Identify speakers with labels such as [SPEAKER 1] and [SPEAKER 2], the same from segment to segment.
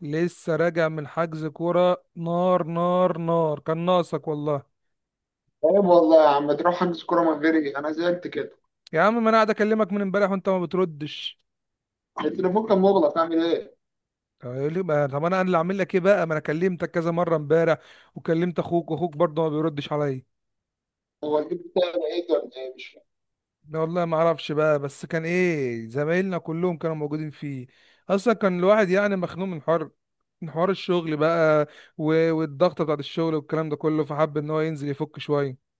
[SPEAKER 1] لسه راجع من حجز كورة نار نار نار كان ناقصك والله.
[SPEAKER 2] عيب والله يا عم، تروح حجز كوره من غيري؟ انا زعلت كده.
[SPEAKER 1] يا عم، ما انا قاعد اكلمك من امبارح وانت ما بتردش.
[SPEAKER 2] التليفون كان مغلق، اعمل ايه؟
[SPEAKER 1] طب يقول لي بقى- طب انا اللي اعمل لك ايه بقى؟ ما انا كلمتك كذا مرة امبارح وكلمت اخوك واخوك برضه ما بيردش عليا.
[SPEAKER 2] هو الجيب بتاعي بعيد ولا ايه؟ مش فاهم.
[SPEAKER 1] لا والله ما اعرفش بقى، بس كان ايه، زمايلنا كلهم كانوا موجودين فيه. اصلا كان الواحد يعني مخنوق من حر، من حوار الشغل بقى، والضغط بتاعت الشغل والكلام ده كله، فحب ان هو ينزل يفك شوية.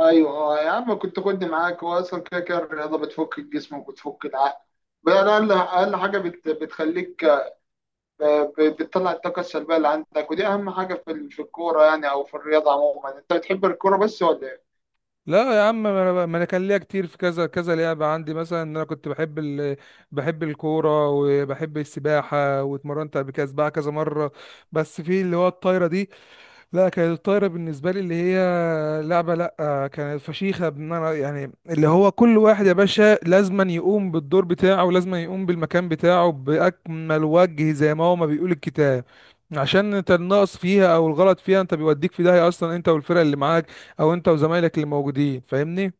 [SPEAKER 2] ايوه. آه يا عم، كنت خدني معاك. هو اصلا كده كده الرياضه بتفك الجسم وبتفك العقل. بقى اقل اقل حاجه بتخليك بتطلع الطاقه السلبيه اللي عندك، ودي اهم حاجه في الكوره يعني، او في الرياضه عموما. انت بتحب الكوره بس ولا إيه؟
[SPEAKER 1] لا يا عم، ما أنا كان ليا كتير في كذا كذا لعبه. عندي مثلا ان انا كنت بحب الكوره وبحب السباحه، واتمرنت قبل كده سباحه كذا مره، بس في اللي هو الطايره دي. لا، كانت الطايرة بالنسبة لي اللي هي لعبة، لا كانت فشيخة. بمعنى، يعني اللي هو كل واحد يا باشا لازما يقوم بالدور بتاعه ولازما يقوم بالمكان بتاعه بأكمل وجه زي ما هو ما بيقول الكتاب. عشان انت النقص فيها او الغلط فيها انت بيوديك في داهية اصلا، انت والفرق اللي معاك او انت وزمايلك اللي موجودين، فاهمني.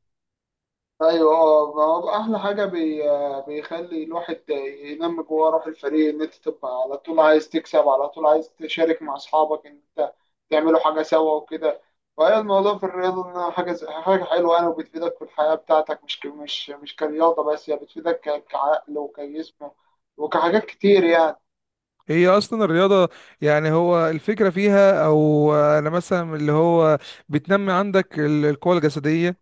[SPEAKER 2] ايوه. اه، ما هو احلى حاجه بيخلي الواحد ينمي جواه روح الفريق، ان انت تبقى على طول عايز تكسب، على طول عايز تشارك مع اصحابك ان انت تعملوا حاجه سوا وكده. فهي الموضوع في الرياضه انها حاجه حلوه يعني، وبتفيدك في الحياه بتاعتك. مش ك... مش مش كرياضه بس، هي بتفيدك كعقل وكجسم وكحاجات كتير يعني.
[SPEAKER 1] هي اصلا الرياضة، يعني هو الفكرة فيها، او انا مثلا اللي هو بتنمي عندك القوة الجسدية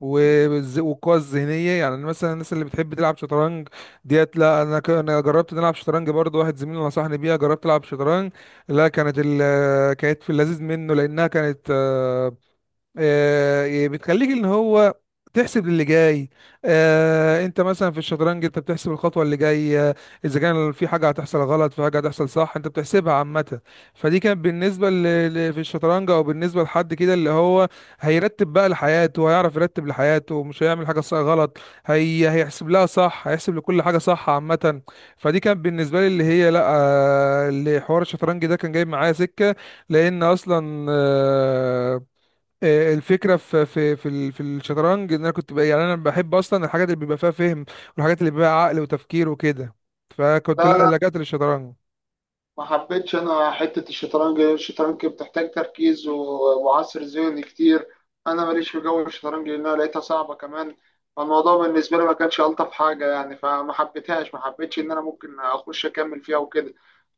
[SPEAKER 1] والقوة الذهنية. يعني أنا مثلا الناس اللي بتحب تلعب شطرنج ديت. لا، أنا جربت إن ألعب شطرنج، برضه واحد زميلي نصحني بيها، جربت ألعب شطرنج. لا، كانت في اللذيذ منه، لأنها كانت يعني بتخليك ان هو تحسب للي جاي. انت مثلا في الشطرنج انت بتحسب الخطوه اللي جايه، اذا كان في حاجه هتحصل غلط، في حاجه هتحصل صح، انت بتحسبها عامه. فدي كانت في الشطرنج، او بالنسبه لحد كده اللي هو هيرتب بقى لحياته، هيعرف يرتب لحياته، مش هيعمل حاجه صح غلط، هيحسب لها صح، هيحسب لكل حاجه صح عامه. فدي كانت بالنسبه لي اللي هي، لا، اللي حوار الشطرنج ده كان جايب معايا سكه. لان اصلا الفكره في الشطرنج ان انا كنت بقى، يعني انا بحب اصلا الحاجات اللي بيبقى فيها فهم، والحاجات اللي بيبقى فيها عقل وتفكير وكده، فكنت
[SPEAKER 2] لا، لا،
[SPEAKER 1] لا لجأت للشطرنج.
[SPEAKER 2] ما حبيتش انا حته الشطرنج. الشطرنج بتحتاج تركيز وعصر ذهني كتير. انا ماليش في جو الشطرنج، لانها لقيتها صعبه كمان. فالموضوع بالنسبه لي ما كانش الطف حاجه يعني، فما حبيتهاش، ما حبيتش ان انا ممكن اخش اكمل فيها وكده.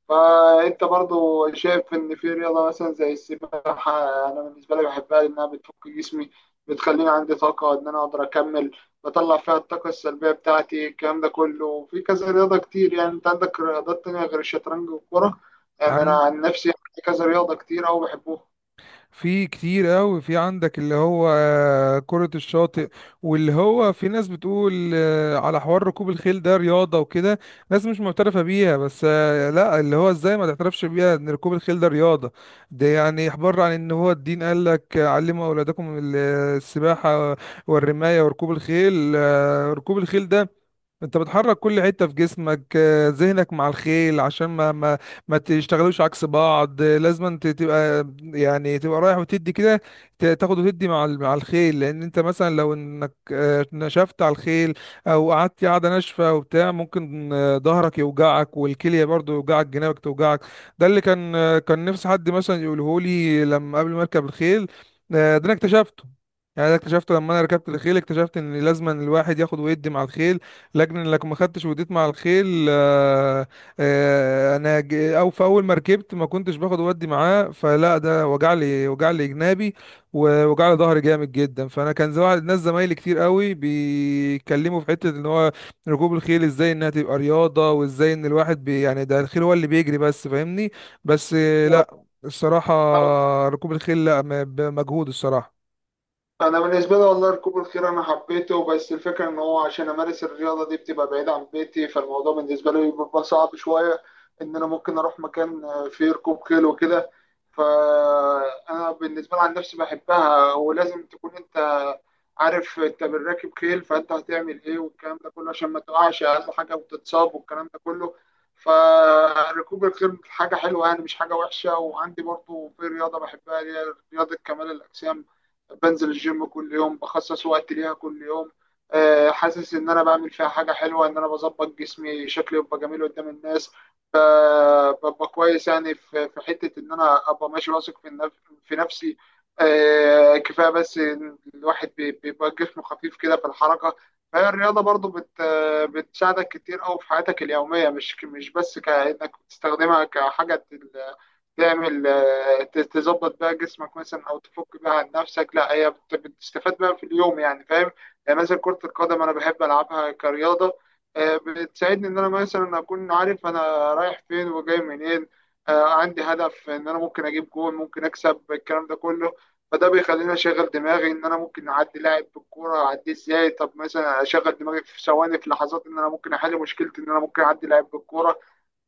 [SPEAKER 2] فانت برضو شايف ان في رياضه مثلا زي السباحه. انا بالنسبه لي بحبها لانها بتفك جسمي، بتخليني عندي طاقه ان انا اقدر اكمل، بطلع فيها الطاقه السلبيه بتاعتي. الكلام ده كله في كذا رياضه كتير يعني، انت عندك رياضات تانية غير الشطرنج والكوره. يعني انا
[SPEAKER 1] عن،
[SPEAKER 2] عن نفسي عندي كذا رياضه كتير أوي.
[SPEAKER 1] في كتير قوي، في عندك اللي هو كرة الشاطئ، واللي هو في ناس بتقول على حوار ركوب الخيل ده رياضة وكده، ناس مش معترفة بيها. بس لا، اللي هو ازاي ما تعترفش بيها ان ركوب الخيل ده رياضة؟ ده يعني احبار عن ان هو الدين قال لك علموا اولادكم السباحة والرماية وركوب الخيل. ركوب الخيل ده انت بتحرك كل حتة في جسمك. ذهنك مع الخيل عشان ما تشتغلوش عكس بعض. لازم انت تبقى يعني تبقى رايح وتدي كده، تاخد وتدي مع الخيل. لان انت مثلا لو انك نشفت على الخيل او قعدت قاعدة ناشفة وبتاع، ممكن ظهرك يوجعك، والكلية برضو يوجعك، جنابك توجعك. ده اللي كان كان نفسي حد مثلا يقوله لي لما قبل ما اركب الخيل. ده انا اكتشفته، يعني ده اكتشفته لما انا ركبت الخيل، اكتشفت ان لازم الواحد ياخد ويدي مع الخيل. لكن لك ما خدتش وديت مع الخيل. او في اول ما ركبت ما كنتش باخد ودي معاه، فلا ده وجع لي، وجع لي جنابي، ووجع لي ظهري جامد جدا. فانا كان ناس زمايلي كتير قوي بيتكلموا في حته ان هو ركوب الخيل ازاي انها تبقى رياضه، وازاي ان الواحد، بي يعني، ده الخيل هو اللي بيجري بس، فاهمني. بس لا
[SPEAKER 2] بحبوها.
[SPEAKER 1] الصراحه، ركوب الخيل لا، بمجهود الصراحه.
[SPEAKER 2] انا بالنسبه لي والله ركوب الخيل انا حبيته، بس الفكره ان هو عشان امارس الرياضه دي بتبقى بعيد عن بيتي، فالموضوع بالنسبه لي بيبقى صعب شويه. ان انا ممكن اروح مكان فيه ركوب خيل وكده. فانا بالنسبه لي عن نفسي بحبها، ولازم تكون انت عارف انت بالراكب خيل، فانت هتعمل ايه والكلام ده كله، عشان ما تقعش اقل حاجه وتتصاب والكلام ده كله. فركوب الخيل حاجه حلوه يعني، مش حاجه وحشه. وعندي برضو في رياضه بحبها اللي هي رياضه كمال الاجسام. بنزل الجيم كل يوم، بخصص وقت ليها كل يوم. آه، حاسس ان انا بعمل فيها حاجه حلوه، ان انا بظبط جسمي، شكلي يبقى جميل قدام الناس، ب- ببقى كويس يعني. في حته ان انا ابقى ماشي واثق في نفسي. آه، كفايه بس إن الواحد بيبقى جسمه خفيف كده في الحركه. فهي الرياضه برضو بتساعدك كتير قوي في حياتك اليوميه، مش بس كانك بتستخدمها كحاجه تعمل، تظبط بقى جسمك مثلا، او تفك بقى عن نفسك. لا هي بتستفاد بقى في اليوم يعني، فاهم؟ يعني مثلا كرة القدم انا بحب العبها كرياضة. آه، بتساعدني ان انا مثلا اكون عارف انا رايح فين وجاي منين. آه، عندي هدف ان انا ممكن اجيب جول، ممكن اكسب الكلام ده كله. فده بيخليني اشغل دماغي ان انا ممكن اعدي لاعب بالكوره، اعديه ازاي. طب مثلا اشغل دماغي في ثواني، في لحظات، ان انا ممكن احل مشكلتي، ان انا ممكن اعدي لاعب بالكوره.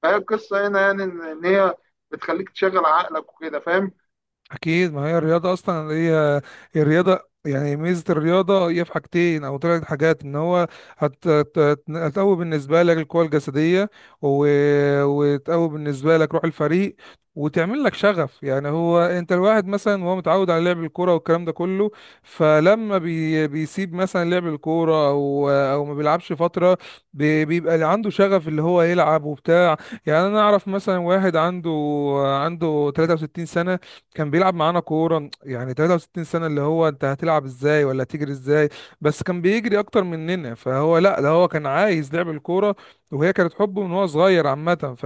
[SPEAKER 2] فهي القصه هنا يعني إن هي بتخليك تشغل عقلك وكده، فاهم؟
[SPEAKER 1] اكيد، ما هي الرياضه اصلا، هي الرياضه، يعني ميزه الرياضه هي في حاجتين او ثلاث حاجات، ان هو هتقوي بالنسبه لك القوه الجسديه، و... وتقوي بالنسبه لك روح الفريق، وتعمل لك شغف. يعني هو انت الواحد مثلا وهو متعود على لعب الكوره والكلام ده كله، فلما بيسيب مثلا لعب الكوره، او ما بيلعبش فتره، بيبقى اللي عنده شغف اللي هو يلعب وبتاع. يعني انا اعرف مثلا واحد عنده 63 سنه، كان بيلعب معانا كورة. يعني 63 سنة، اللي هو انت هتلعب ازاي ولا تجري ازاي؟ بس كان بيجري اكتر مننا، فهو لا، ده هو كان عايز لعب الكورة، وهي كانت حبه من هو صغير عامة. ف،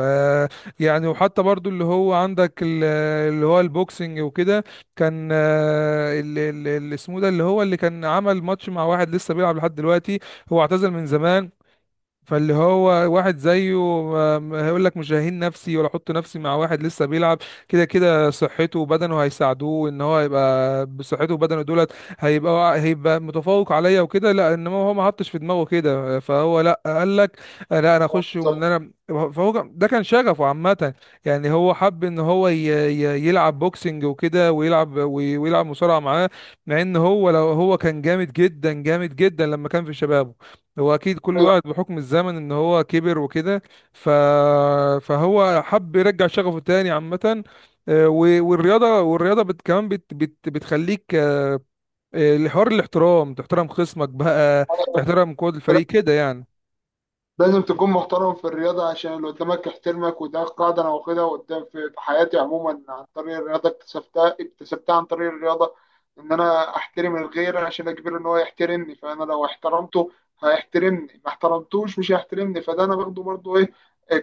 [SPEAKER 1] يعني وحتى برضو اللي هو عندك اللي هو البوكسنج وكده. كان اللي اسمه ده، اللي هو اللي كان عمل ماتش مع واحد لسه بيلعب لحد دلوقتي، هو اعتزل من زمان. فاللي هو واحد زيه ما هيقول لك مش ههين نفسي ولا احط نفسي مع واحد لسه بيلعب، كده كده صحته وبدنه هيساعدوه ان هو يبقى بصحته وبدنه دولت، هيبقى متفوق عليا وكده. لا انما هو ما حطش في دماغه كده، فهو لا قال لك لا انا
[SPEAKER 2] اه،
[SPEAKER 1] اخش، ومن
[SPEAKER 2] بالظبط.
[SPEAKER 1] انا، ده كان شغفه عامة. يعني هو حب ان هو يلعب بوكسنج وكده، ويلعب ويلعب مصارعة معاه، مع ان هو لو هو كان جامد جدا جامد جدا لما كان في شبابه. هو اكيد كل
[SPEAKER 2] ايوه،
[SPEAKER 1] واحد بحكم الزمن ان هو كبر وكده. ف... فهو حب يرجع شغفه تاني عامة. والرياضة كمان بتخليك الحوار الاحترام، تحترم خصمك بقى، تحترم قوة الفريق كده يعني.
[SPEAKER 2] لازم تكون محترم في الرياضة عشان اللي قدامك يحترمك. وده قاعدة أنا واخدها قدام في حياتي عموما، عن طريق الرياضة. اكتسبتها عن طريق الرياضة. إن أنا أحترم الغير عشان أجبره إن هو يحترمني. فأنا لو احترمته هيحترمني، ما احترمتوش مش هيحترمني. فده أنا باخده برضه إيه،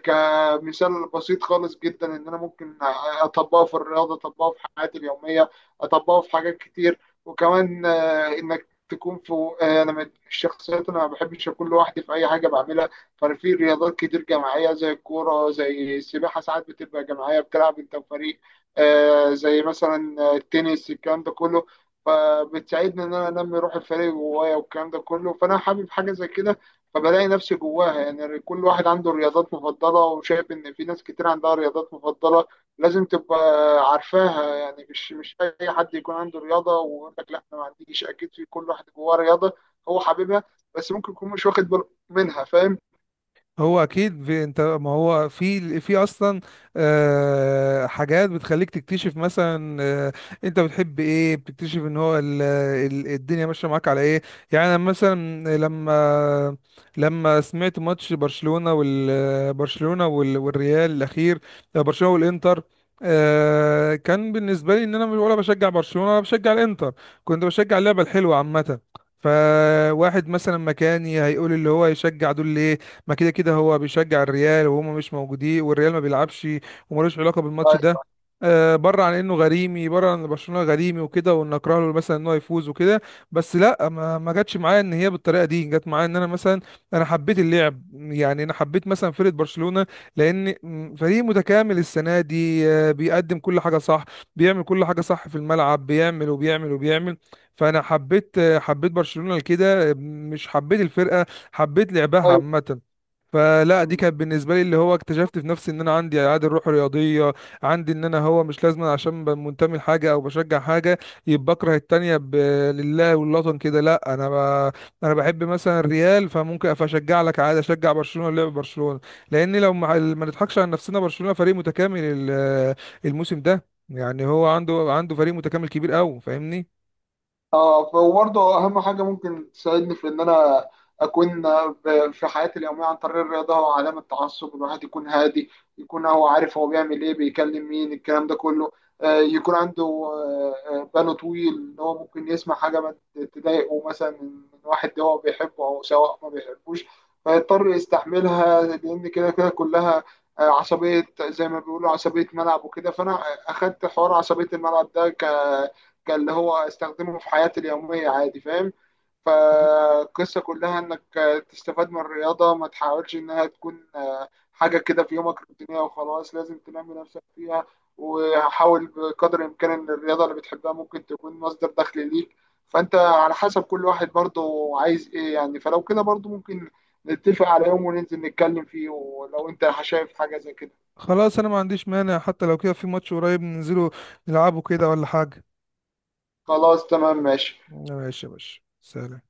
[SPEAKER 2] كمثال بسيط خالص جدا، إن أنا ممكن أطبقه في الرياضة، أطبقه في حياتي اليومية، أطبقه في حاجات كتير. وكمان إنك تكون في، أنا من الشخصيات أنا ما بحبش أكون لوحدي في أي حاجة بعملها. فانا في رياضات كتير جماعيه زي الكوره، زي السباحه ساعات بتبقى جماعيه، بتلعب انت وفريق. آه زي مثلا التنس، الكلام ده كله. فبتساعدني ان انا انمي روح الفريق جوايا والكلام ده كله. فانا حابب حاجه زي كده، فبلاقي نفسي جواها يعني. كل واحد عنده رياضات مفضله، وشايف ان في ناس كتير عندها رياضات مفضله. لازم تبقى عارفاها يعني. مش اي حد يكون عنده رياضه ويقول لك لا انا ما عنديش. اكيد في كل واحد جواه رياضه هو حاببها، بس ممكن يكون مش واخد باله منها، فاهم؟
[SPEAKER 1] هو اكيد في، انت ما هو في اصلا حاجات بتخليك تكتشف مثلا انت بتحب ايه، بتكتشف ان هو الدنيا ماشيه معاك على ايه. يعني أنا مثلا لما سمعت ماتش برشلونه والريال الاخير، برشلونه والانتر، كان بالنسبه لي ان انا مش- ولا بشجع برشلونه ولا بشجع الانتر، كنت بشجع اللعبه الحلوه عامه. فواحد مثلا مكاني هيقول اللي هو يشجع دول ليه؟ ما كده كده هو بيشجع الريال، وهم مش موجودين، والريال ما بيلعبش وملوش علاقه بالماتش
[SPEAKER 2] طيب.
[SPEAKER 1] ده. بره عن انه غريمي، بره عن إن برشلونه غريمي وكده، وان اكره له مثلا ان هو يفوز وكده، بس لا، ما جاتش معايا ان هي بالطريقه دي. جت معايا ان انا مثلا انا حبيت اللعب، يعني انا حبيت مثلا فرقه برشلونه، لان فريق متكامل السنه دي، بيقدم كل حاجه صح، بيعمل كل حاجه صح في الملعب، بيعمل وبيعمل وبيعمل. فانا حبيت برشلونه لكده، مش حبيت الفرقه، حبيت لعبها
[SPEAKER 2] طيب.
[SPEAKER 1] عامه. فلا دي
[SPEAKER 2] مم.
[SPEAKER 1] كانت بالنسبه لي اللي هو اكتشفت في نفسي ان انا عندي عادي الروح الرياضيه، عندي ان انا هو مش لازم عشان منتمي لحاجه او بشجع حاجه يبقى بكره التانيه. لله والوطن كده، لا انا بحب مثلا الريال، فممكن اشجع لك عادي، اشجع برشلونه، لعب برشلونه، لان لو، ما نضحكش على نفسنا، برشلونه فريق متكامل الموسم ده. يعني هو عنده، عنده فريق متكامل كبير قوي، فاهمني.
[SPEAKER 2] اه، وبرضه اهم حاجه ممكن تساعدني في ان انا اكون في حياتي اليوميه عن طريق الرياضه هو عدم التعصب. الواحد يكون هادي، يكون هو عارف هو بيعمل ايه، بيكلم مين الكلام ده كله. آه، يكون عنده بانه طويل ان هو ممكن يسمع حاجه ما تضايقه مثلا من واحد هو بيحبه او سواء ما بيحبوش، فيضطر يستحملها. لان كده كده كلها عصبيه زي ما بيقولوا، عصبيه ملعب وكده. فانا اخدت حوار عصبيه الملعب ده، كان اللي هو استخدمه في حياتي اليومية عادي، فاهم؟ فالقصة كلها انك تستفاد من الرياضة، ما تحاولش انها تكون حاجة كده في يومك روتينية وخلاص. لازم تنمي نفسك فيها، وحاول بقدر الامكان ان الرياضة اللي بتحبها ممكن تكون مصدر دخل ليك. فانت على حسب كل واحد برضه عايز ايه يعني. فلو كده برضه ممكن نتفق على يوم وننزل نتكلم فيه، ولو انت شايف حاجة زي كده.
[SPEAKER 1] خلاص، انا ما عنديش مانع، حتى لو كده في ماتش قريب، ننزله نلعبه كده ولا حاجه.
[SPEAKER 2] خلاص، تمام، ماشي.
[SPEAKER 1] ماشي يا باشا، سلام.